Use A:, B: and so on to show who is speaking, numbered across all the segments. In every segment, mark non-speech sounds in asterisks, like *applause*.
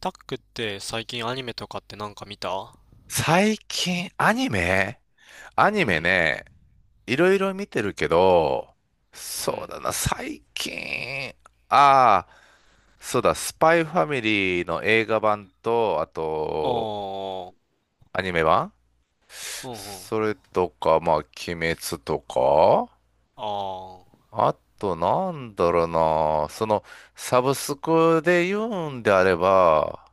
A: タックって最近アニメとかって見た？
B: 最近、アニメアニ
A: う
B: メ
A: ん。
B: ね、いろいろ見てるけど、
A: う
B: そう
A: ん。
B: だな、最近、ああ、そうだ、スパイファミリーの映画版と、あ
A: あ
B: と、
A: あ。
B: アニメ版、
A: うんうん。
B: それとか、まあ、鬼滅とか、
A: ああ。
B: あと、なんだろうな、サブスクで言うんであれば、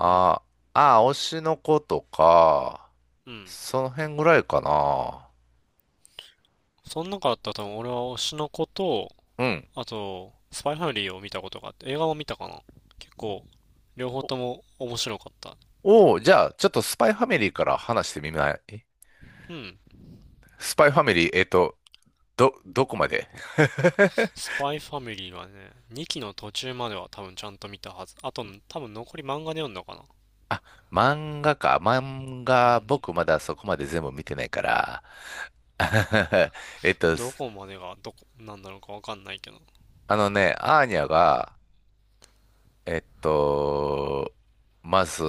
A: うん。
B: あ、ああ、推しの子とか、
A: うん。
B: その辺ぐらいかな。
A: その中だったら多分俺は推しの子と、
B: うん。
A: あと、スパイファミリーを見たことがあって、映画も見たかな。結構、両方とも面白かった。
B: おお、じゃあ、ちょっとスパイファミリーから話してみない？
A: うん。
B: スパイファミリー、どこまで？
A: スパイファミリーはね、2期の途中までは多分ちゃんと見たはず。あと、多分残り漫画で読んだかな。
B: 漫画か。漫
A: う
B: 画、
A: ん。
B: 僕まだそこまで全部見てないから。*laughs* えっと、
A: ど
B: す
A: こまでがどこ、なんだろうかわかんないけど。
B: あのね、アーニャが、えっと、まず、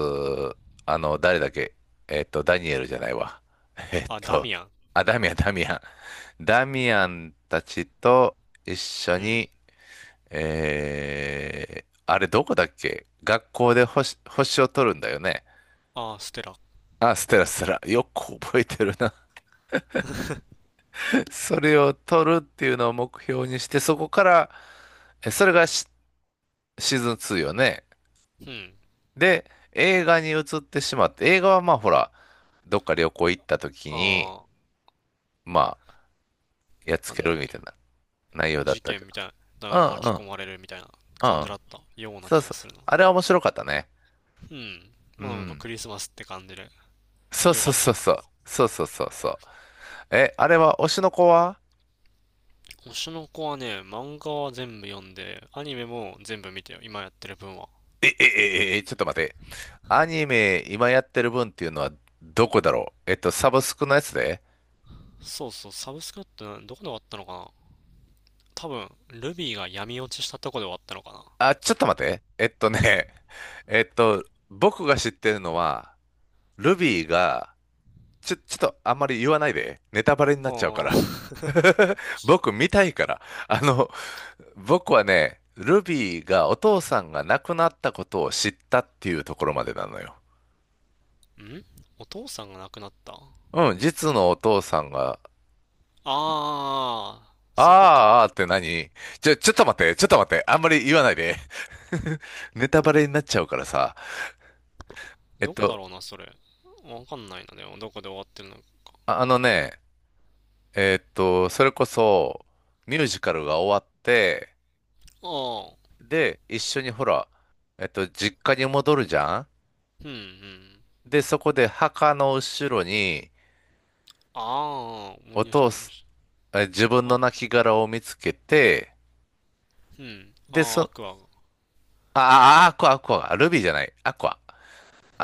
B: 誰だっけ？ダニエルじゃないわ。えっ
A: あ、ダ
B: と、
A: ミアン。
B: あ、ダミアン、ダミアン。ダミアンたちと一緒
A: うん。
B: に、あれどこだっけ、学校で星を取るんだよね。
A: あー、ステラ。
B: あ、ステラステラ。よく覚えてるな。*laughs* それを取るっていうのを目標にして、そこから、それがシーズン2よね。
A: うん。
B: で、映画に移ってしまって、映画はまあほら、どっか旅行行った時に、
A: あ
B: まあ、やっつ
A: あ、な
B: け
A: んだっ
B: るみ
A: け。
B: たいな内容だっ
A: 事
B: たけ
A: 件
B: ど。
A: みたいなの
B: うん
A: に
B: う
A: 巻き
B: ん、
A: 込まれるみたいな
B: う
A: 感
B: んう
A: じ
B: ん。
A: だったような
B: そう
A: 気が
B: そう。
A: するな。
B: あれは面白かったね。
A: うん。
B: う
A: まあ
B: ん。
A: クリスマスって感じで
B: そう
A: 良か
B: そう
A: っ
B: そう
A: たか
B: そう。
A: な。
B: そうそうそうそう。え、あれは、推しの子は？
A: 推しの子はね、漫画は全部読んで、アニメも全部見てよ。今やってる分は。
B: え、え、ちょっと待って。アニメ今やってる分っていうのはどこだろう、サブスクのやつで、
A: そうそう、サブスクってどこで終わったのかな？多分、ルビーが闇落ちしたとこで終わったのかな。
B: あ、ちょっと待って。ね、*laughs* えっと、僕が知ってるのは、ルビーが、ちょっとあんまり言わないで。ネタバレになっちゃうか
A: あ
B: ら。
A: あ。
B: *laughs* 僕見たいから。あの、僕はね、ルビーがお父さんが亡くなったことを知ったっていうところまでなのよ。
A: ん、お父さんが亡くなった？あ
B: うん、実のお父さんが。
A: あ、そこか。
B: あーあーって何？ちょっと待って、ちょっと待って、あんまり言わないで。*laughs* ネタバレになっちゃうからさ。えっ
A: どこだ
B: と、
A: ろうな、それ。わかんないな、でも、どこで終わってるのか。
B: あ、あのね、それこそ、ミュージカルが終わって、
A: ああ、
B: で、一緒にほら、実家に戻るじゃん。
A: うんうん。
B: で、そこで墓の後ろに、
A: ああ、思い
B: お
A: 出し
B: 父
A: た思い出
B: す、
A: し
B: 自分
A: た。あ
B: の
A: れ、
B: 亡骸を見つけて、
A: うん。あ
B: で、
A: あ、ア
B: そ、
A: クアが。
B: ああ、アクア、アクア、ルビーじゃない、アクア。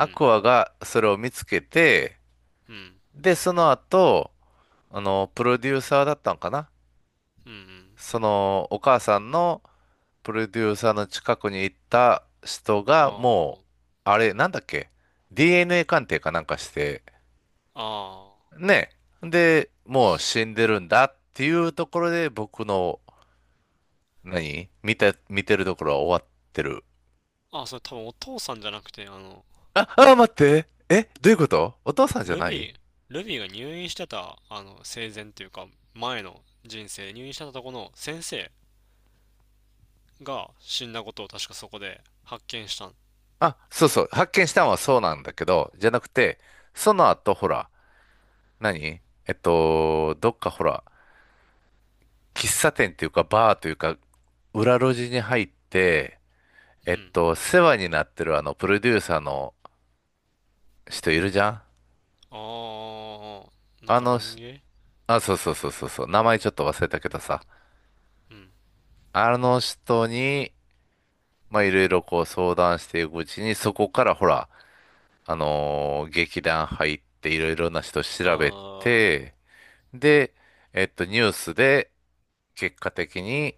A: う
B: ク
A: ん。
B: アがそれを見つけて、
A: うん。
B: で、その後、プロデューサーだったんかな、
A: うんうん。
B: お母さんのプロデューサーの近くに行った人が、もう、
A: あ
B: あれ、なんだっけ ?DNA 鑑定かなんかして、
A: あ。あ
B: ね。で、もう死んでるんだっていうところで、僕の、何見て、見てるところは終わってる。
A: あ。あ、それ多分お父さんじゃなくて、
B: あ、あ、待って。え、どういうこと？お父さんじゃ
A: ル
B: ない？
A: ビー、ルビーが入院してた、生前っていうか、前の人生、入院してたとこの先生が死んだことを確かそこで発見したん。
B: あ、そうそう。発見したのはそうなんだけど、じゃなくて、その後、ほら、何どっかほら、喫茶店っていうか、バーというか、裏路地に入って、
A: うん。
B: 世話になってるプロデューサーの人いるじゃん。
A: ああ、なん
B: あ
A: か
B: の
A: ロン
B: し、
A: 毛？
B: あ、そうそうそうそうそう、名前ちょっと忘れたけどさ、
A: うん。
B: あの人に、まあ、いろいろこう相談していくうちに、そこからほら、劇団入っていろいろな人調べ
A: ああ、
B: て、で、ニュースで、結果的に、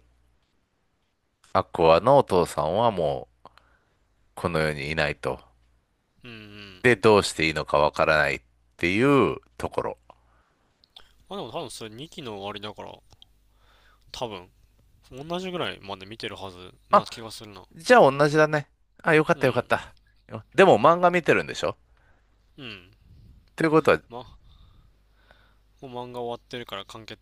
B: アクアのお父さんはもう、この世にいないと。
A: うんうん。
B: で、どうしていいのかわからないっていうところ。
A: あ、でも多分それ2期の終わりだから、多分、同じぐらいまで見てるはずな
B: あ、
A: 気がするな。
B: じゃあ同じだね。あ、よかっ
A: う
B: たよか
A: ん。
B: った。でも漫画見てるんでしょ？
A: うん。
B: ということは、
A: ま、もう漫画終わってるから完結、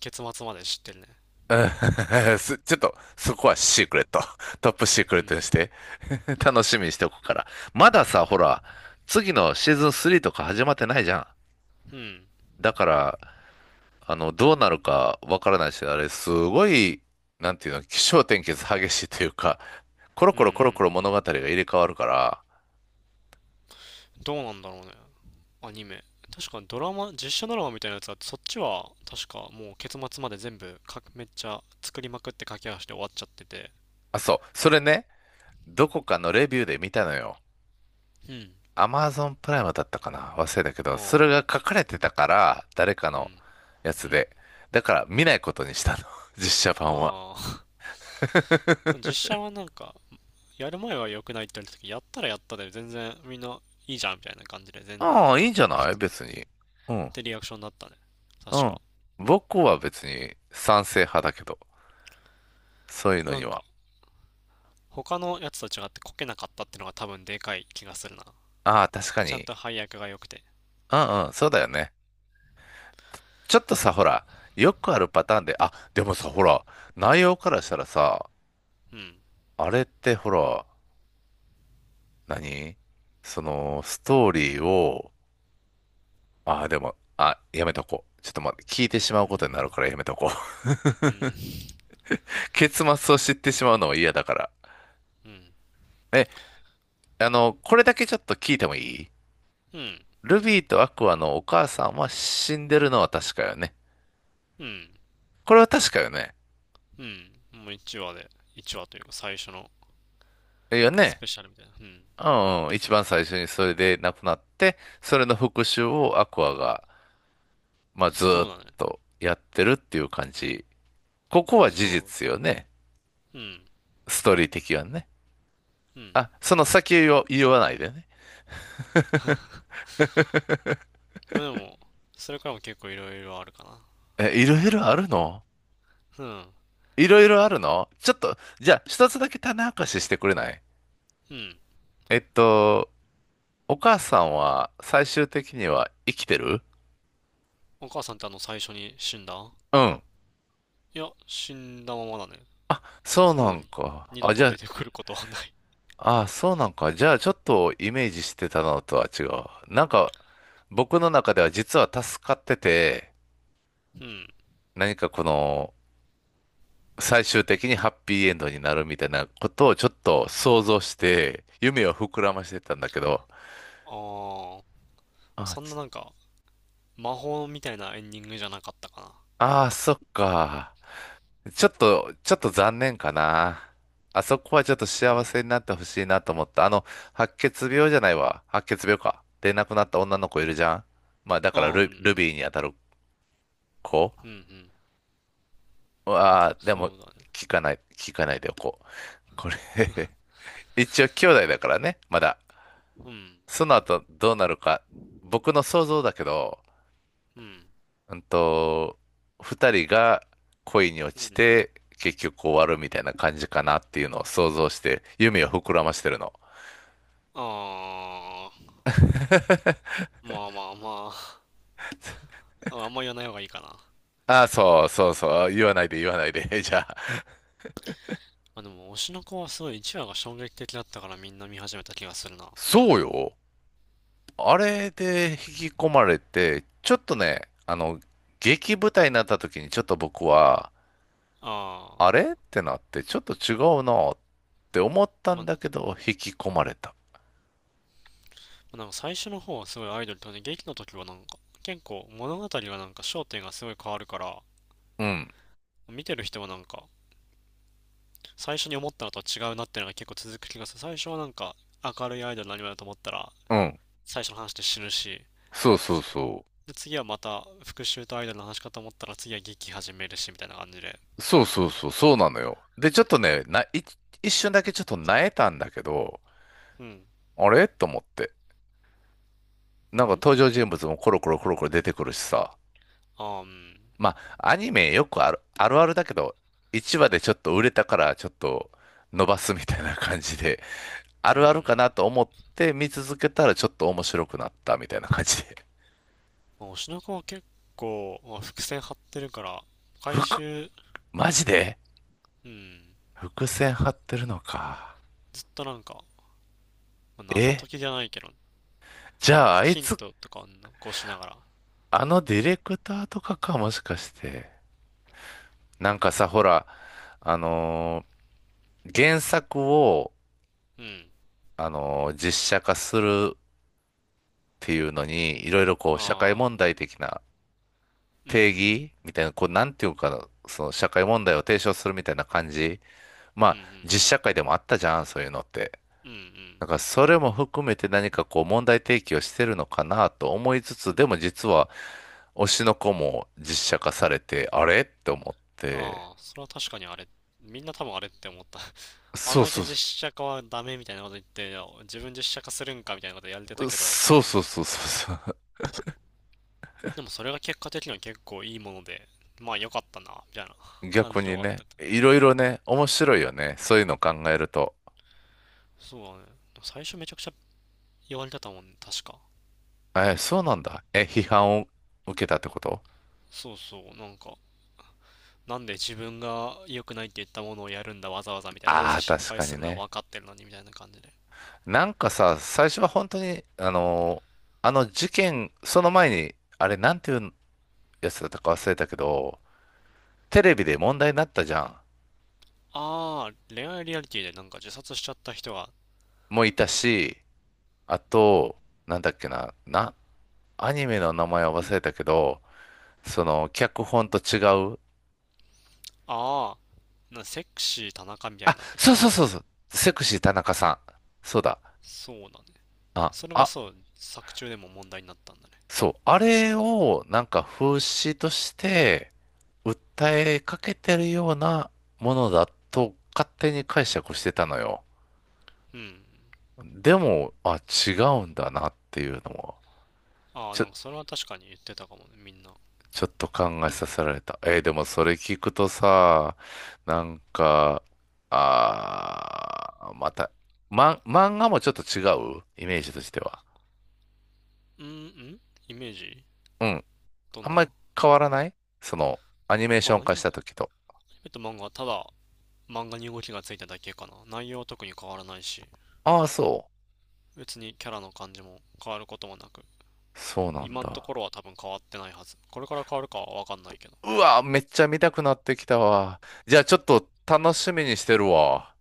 A: 結末まで知ってるね。
B: うん。 *laughs* ちょっと、そこはシークレット。*laughs* トップシーク
A: う
B: レット
A: ん。
B: にして。*laughs* 楽しみにしておくから。まださ、ほら、次のシーズン3とか始まってないじゃん。
A: うん。
B: だから、どうなるかわからないし、あれ、すごい、なんていうの、起承転結激しいというか、*laughs* コロ
A: うんう
B: コロコロコロ
A: ん。
B: 物語が入れ替わるから。
A: どうなんだろうね。アニメ。確かドラマ、実写ドラマみたいなやつは、そっちは確かもう結末まで全部か、めっちゃ作りまくって駆け足で終わっちゃってて。
B: あ、そう、それね、どこかのレビューで見たのよ。
A: うん。
B: アマゾンプライムだったかな、忘れたけど、
A: あ
B: それが
A: あ。
B: 書かれてたから、誰か
A: う
B: の
A: ん。
B: や
A: う
B: つ
A: ん。
B: で。だから見ないことにしたの。*laughs* 実写版は。
A: ああ。*laughs* 実写は、やる前は良くないって言われた時、やったらやったで全然みんないいじゃんみたいな感じで全
B: ああ、いいんじゃない別に。う
A: っ
B: ん。
A: てリアクションだったね。
B: う
A: 確
B: ん。
A: か。
B: 僕は別に賛成派だけど。そういうの
A: な
B: に
A: ん
B: は。
A: か、他のやつと違ってこけなかったってのが多分でかい気がするな。
B: ああ、確か
A: ちゃん
B: に。
A: と配役が良くて。
B: うんうん、そうだよね。ちょっとさ、ほら、よくあるパターンで、あ、でもさ、ほら、内容からしたらさ、
A: うん。
B: あれってほら、何ストーリーを、ああ、でも、あ、やめとこう。ちょっと待って、聞いてしま
A: う
B: うこと
A: ん
B: になるからやめとこう。
A: うん。
B: *laughs* 結末を知ってしまうのは嫌だから。
A: うん。
B: え、これだけちょっと聞いてもいい？
A: うん。
B: ルビーとアクアのお母さんは死んでるのは確かよね。
A: うん。
B: これは確かよね。
A: うん。もう1話で、1話というか最初の
B: いいよ
A: ス
B: ね。
A: ペシャルみたいな。うん。
B: うんうん。一番最初にそれで亡くなって、それの復讐をアクアが、まあ、ずー
A: そう
B: っ
A: だね。
B: とやってるっていう感じ。ここは事実
A: そ
B: よね。
A: う。うん。
B: ストーリー的はね。
A: うん。
B: あ、その先を言わないでね。
A: *laughs* でも、それからも結構いろいろあるか
B: え、いろいろあるの？
A: な。うん。
B: いろいろあるの？ちょっと、じゃあ、一つだけ種明かししてくれない？
A: うん。
B: えっと、お母さんは最終的には生きてる？
A: お母さんってあの最初に死んだ？
B: うん。
A: いや、死んだままだね。
B: そうな
A: もう
B: ん
A: に、
B: か。
A: 二度
B: あ、じ
A: と
B: ゃ
A: 出てくることはない。
B: あ、あ、そうなんか。じゃあ、ちょっとイメージしてたのとは違う。なんか、僕の中では実は助かってて、
A: うん。
B: 何かこの、最終的にハッピーエンドになるみたいなことをちょっと想像して、夢を膨らませてたんだけど。
A: ああ、
B: あ、
A: そんな、
B: ち
A: 魔法みたいなエンディングじゃなかったかな。
B: あー、そっか。ちょっと残念かな。あそこはちょっと
A: う
B: 幸
A: ん。
B: せになってほしいなと思った。白血病じゃないわ。白血病か。で亡くなった女の子いるじゃん。まあだ
A: あ
B: から
A: あ、う
B: ル、
A: ん。
B: ルビーに当たる子。
A: うんうん。
B: ああ、でも、
A: そうだね。
B: 聞かないでおこう。これ。 *laughs* 一応兄弟だからね、まだ。
A: うん。
B: その後どうなるか、僕の想像だけど、
A: うん。
B: うんと、二人が恋に落
A: う
B: ち
A: ん。
B: て結局終わるみたいな感じかなっていうのを想像して夢を膨らましてるの。
A: ああ、まあまあまあ。ああんま言わない方がいいかな。ま
B: ああ、そうそうそう、言わないで言わないで。*laughs* じゃあ、
A: あでも、推しの子はすごい1話が衝撃的だったからみんな見始めた気がするな。あ
B: そうよ。あれで引き込まれて、ちょっとね、劇舞台になった時にちょっと僕は、
A: あ。
B: あれってなって、ちょっと違うなって思った
A: ま
B: ん
A: あ、
B: だ
A: ま
B: けど、引き込まれた。
A: あ最初の方はすごいアイドルとね、劇の時は、結構物語が焦点がすごい変わるから、
B: うん、
A: 見てる人は、最初に思ったのとは違うなっていうのが結構続く気がする。最初は明るいアイドル何アニだと思ったら
B: うん、
A: 最初の話で死ぬし、
B: そうそうそう。
A: で次はまた復讐とアイドルの話かと思ったら次は劇始めるしみたいな感じで。
B: そうそうそう、そうなのよ。で、ちょっとね、な、い一瞬だけちょっとなえたんだけど、
A: うん。
B: あれと思って。なんか登
A: ん、
B: 場人物もコロコロコロコロ出てくるしさ。
A: あーうん。
B: まあ、アニメよくある、あるあるだけど、一話でちょっと売れたからちょっと伸ばすみたいな感じで、
A: う
B: あるあるか
A: ん。
B: なと思って見続けたらちょっと面白くなったみたいな感じで。
A: まあ、推しの子は結構、まあ、伏線張ってるから、
B: *laughs*
A: 回
B: 服
A: 収、
B: マジで
A: うん。
B: 伏線張ってるのか。
A: ずっと、まあ謎
B: え、
A: 解きじゃないけど、
B: じゃああい
A: ヒン
B: つ、
A: トとかを残しながら、
B: ディレクターとかか、もしかして。なんかさ、ほら、あのー原作を、
A: うん。
B: 実写化するっていうのに、いろいろ社会
A: あ
B: 問
A: あ、
B: 題的な
A: う
B: 定
A: ん。
B: 義みたいな、なんていうかな、その社会問題を提唱するみたいな感じ。ま
A: うん
B: あ、
A: うん。
B: 実社会でもあったじゃん、そういうのって。
A: うんうん。
B: だから、それも含めて何かこう、問題提起をしてるのかなと思いつつ、でも実は、推しの子も実写化されて、あれって思って。
A: ああ、それは確かにあれ、みんな多分あれって思った。*laughs* あん
B: そう
A: だ
B: そ
A: け
B: う
A: 実
B: そ
A: 写化はダメみたいなこと言って、いや自分実写化するんかみたいなことやれてた
B: う。
A: けど、
B: そうそうそうそうそう。
A: でもそれが結果的には結構いいもので、まあ良かったな、みたいな感
B: 逆
A: じで
B: に
A: 終わって
B: ね、
A: た。
B: いろいろね、面白いよね。
A: うん。
B: そういうの考えると。
A: そうだね。最初めちゃくちゃ言われてたもんね、確か。
B: え、そうなんだ。え、批判を受けたってこと？
A: そうそう、なんで自分が良くないって言ったものをやるんだ、わざわざみたいな、どう
B: あ
A: せ
B: あー、
A: 失
B: 確
A: 敗
B: か
A: す
B: に
A: るのは
B: ね。
A: 分かってるのにみたいな感じで。
B: なんかさ、最初は本当に、あの事件、その前に、なんていうやつだったか忘れたけど、テレビで問題になったじゃん。
A: ああ、恋愛リアリティで自殺しちゃった人が、
B: もういたし、あと、なんだっけな、アニメの名前は忘れたけど、脚本と違う。
A: ああ、なんかセクシー田中みたい
B: あ、
A: な。
B: そうそうそうそう。セクシー田中さん。そうだ。
A: そうだね。
B: あ、
A: それが
B: あ、
A: そう、作中でも問題になったんだね。
B: そう、あれをなんか風刺として訴えかけてるようなものだと勝手に解釈してたのよ。
A: うん。
B: でも、あ、違うんだなっていうのも、
A: ああ、
B: ちょ、
A: それは確かに言ってたかもね、みんな。
B: ちょっと考えさせられた。でもそれ聞くとさ、なんか、また、漫画もちょっと違うイメージとしては。
A: うんうん。イメージ
B: うん。
A: ど
B: あ
A: ん
B: んま
A: な？
B: り変わらない、その、アニメーショ
A: あ、
B: ン
A: ア
B: 化し
A: ニ
B: た時と。
A: メと漫画はただ漫画に動きがついただけかな。内容は特に変わらないし、
B: ああ、そう。
A: 別にキャラの感じも変わることもなく、
B: そうなん
A: 今のとこ
B: だ。
A: ろは多分変わってないはず。これから変わるかはわかんないけど。
B: うわ、めっちゃ見たくなってきたわ。じゃあちょっと楽しみにしてるわ。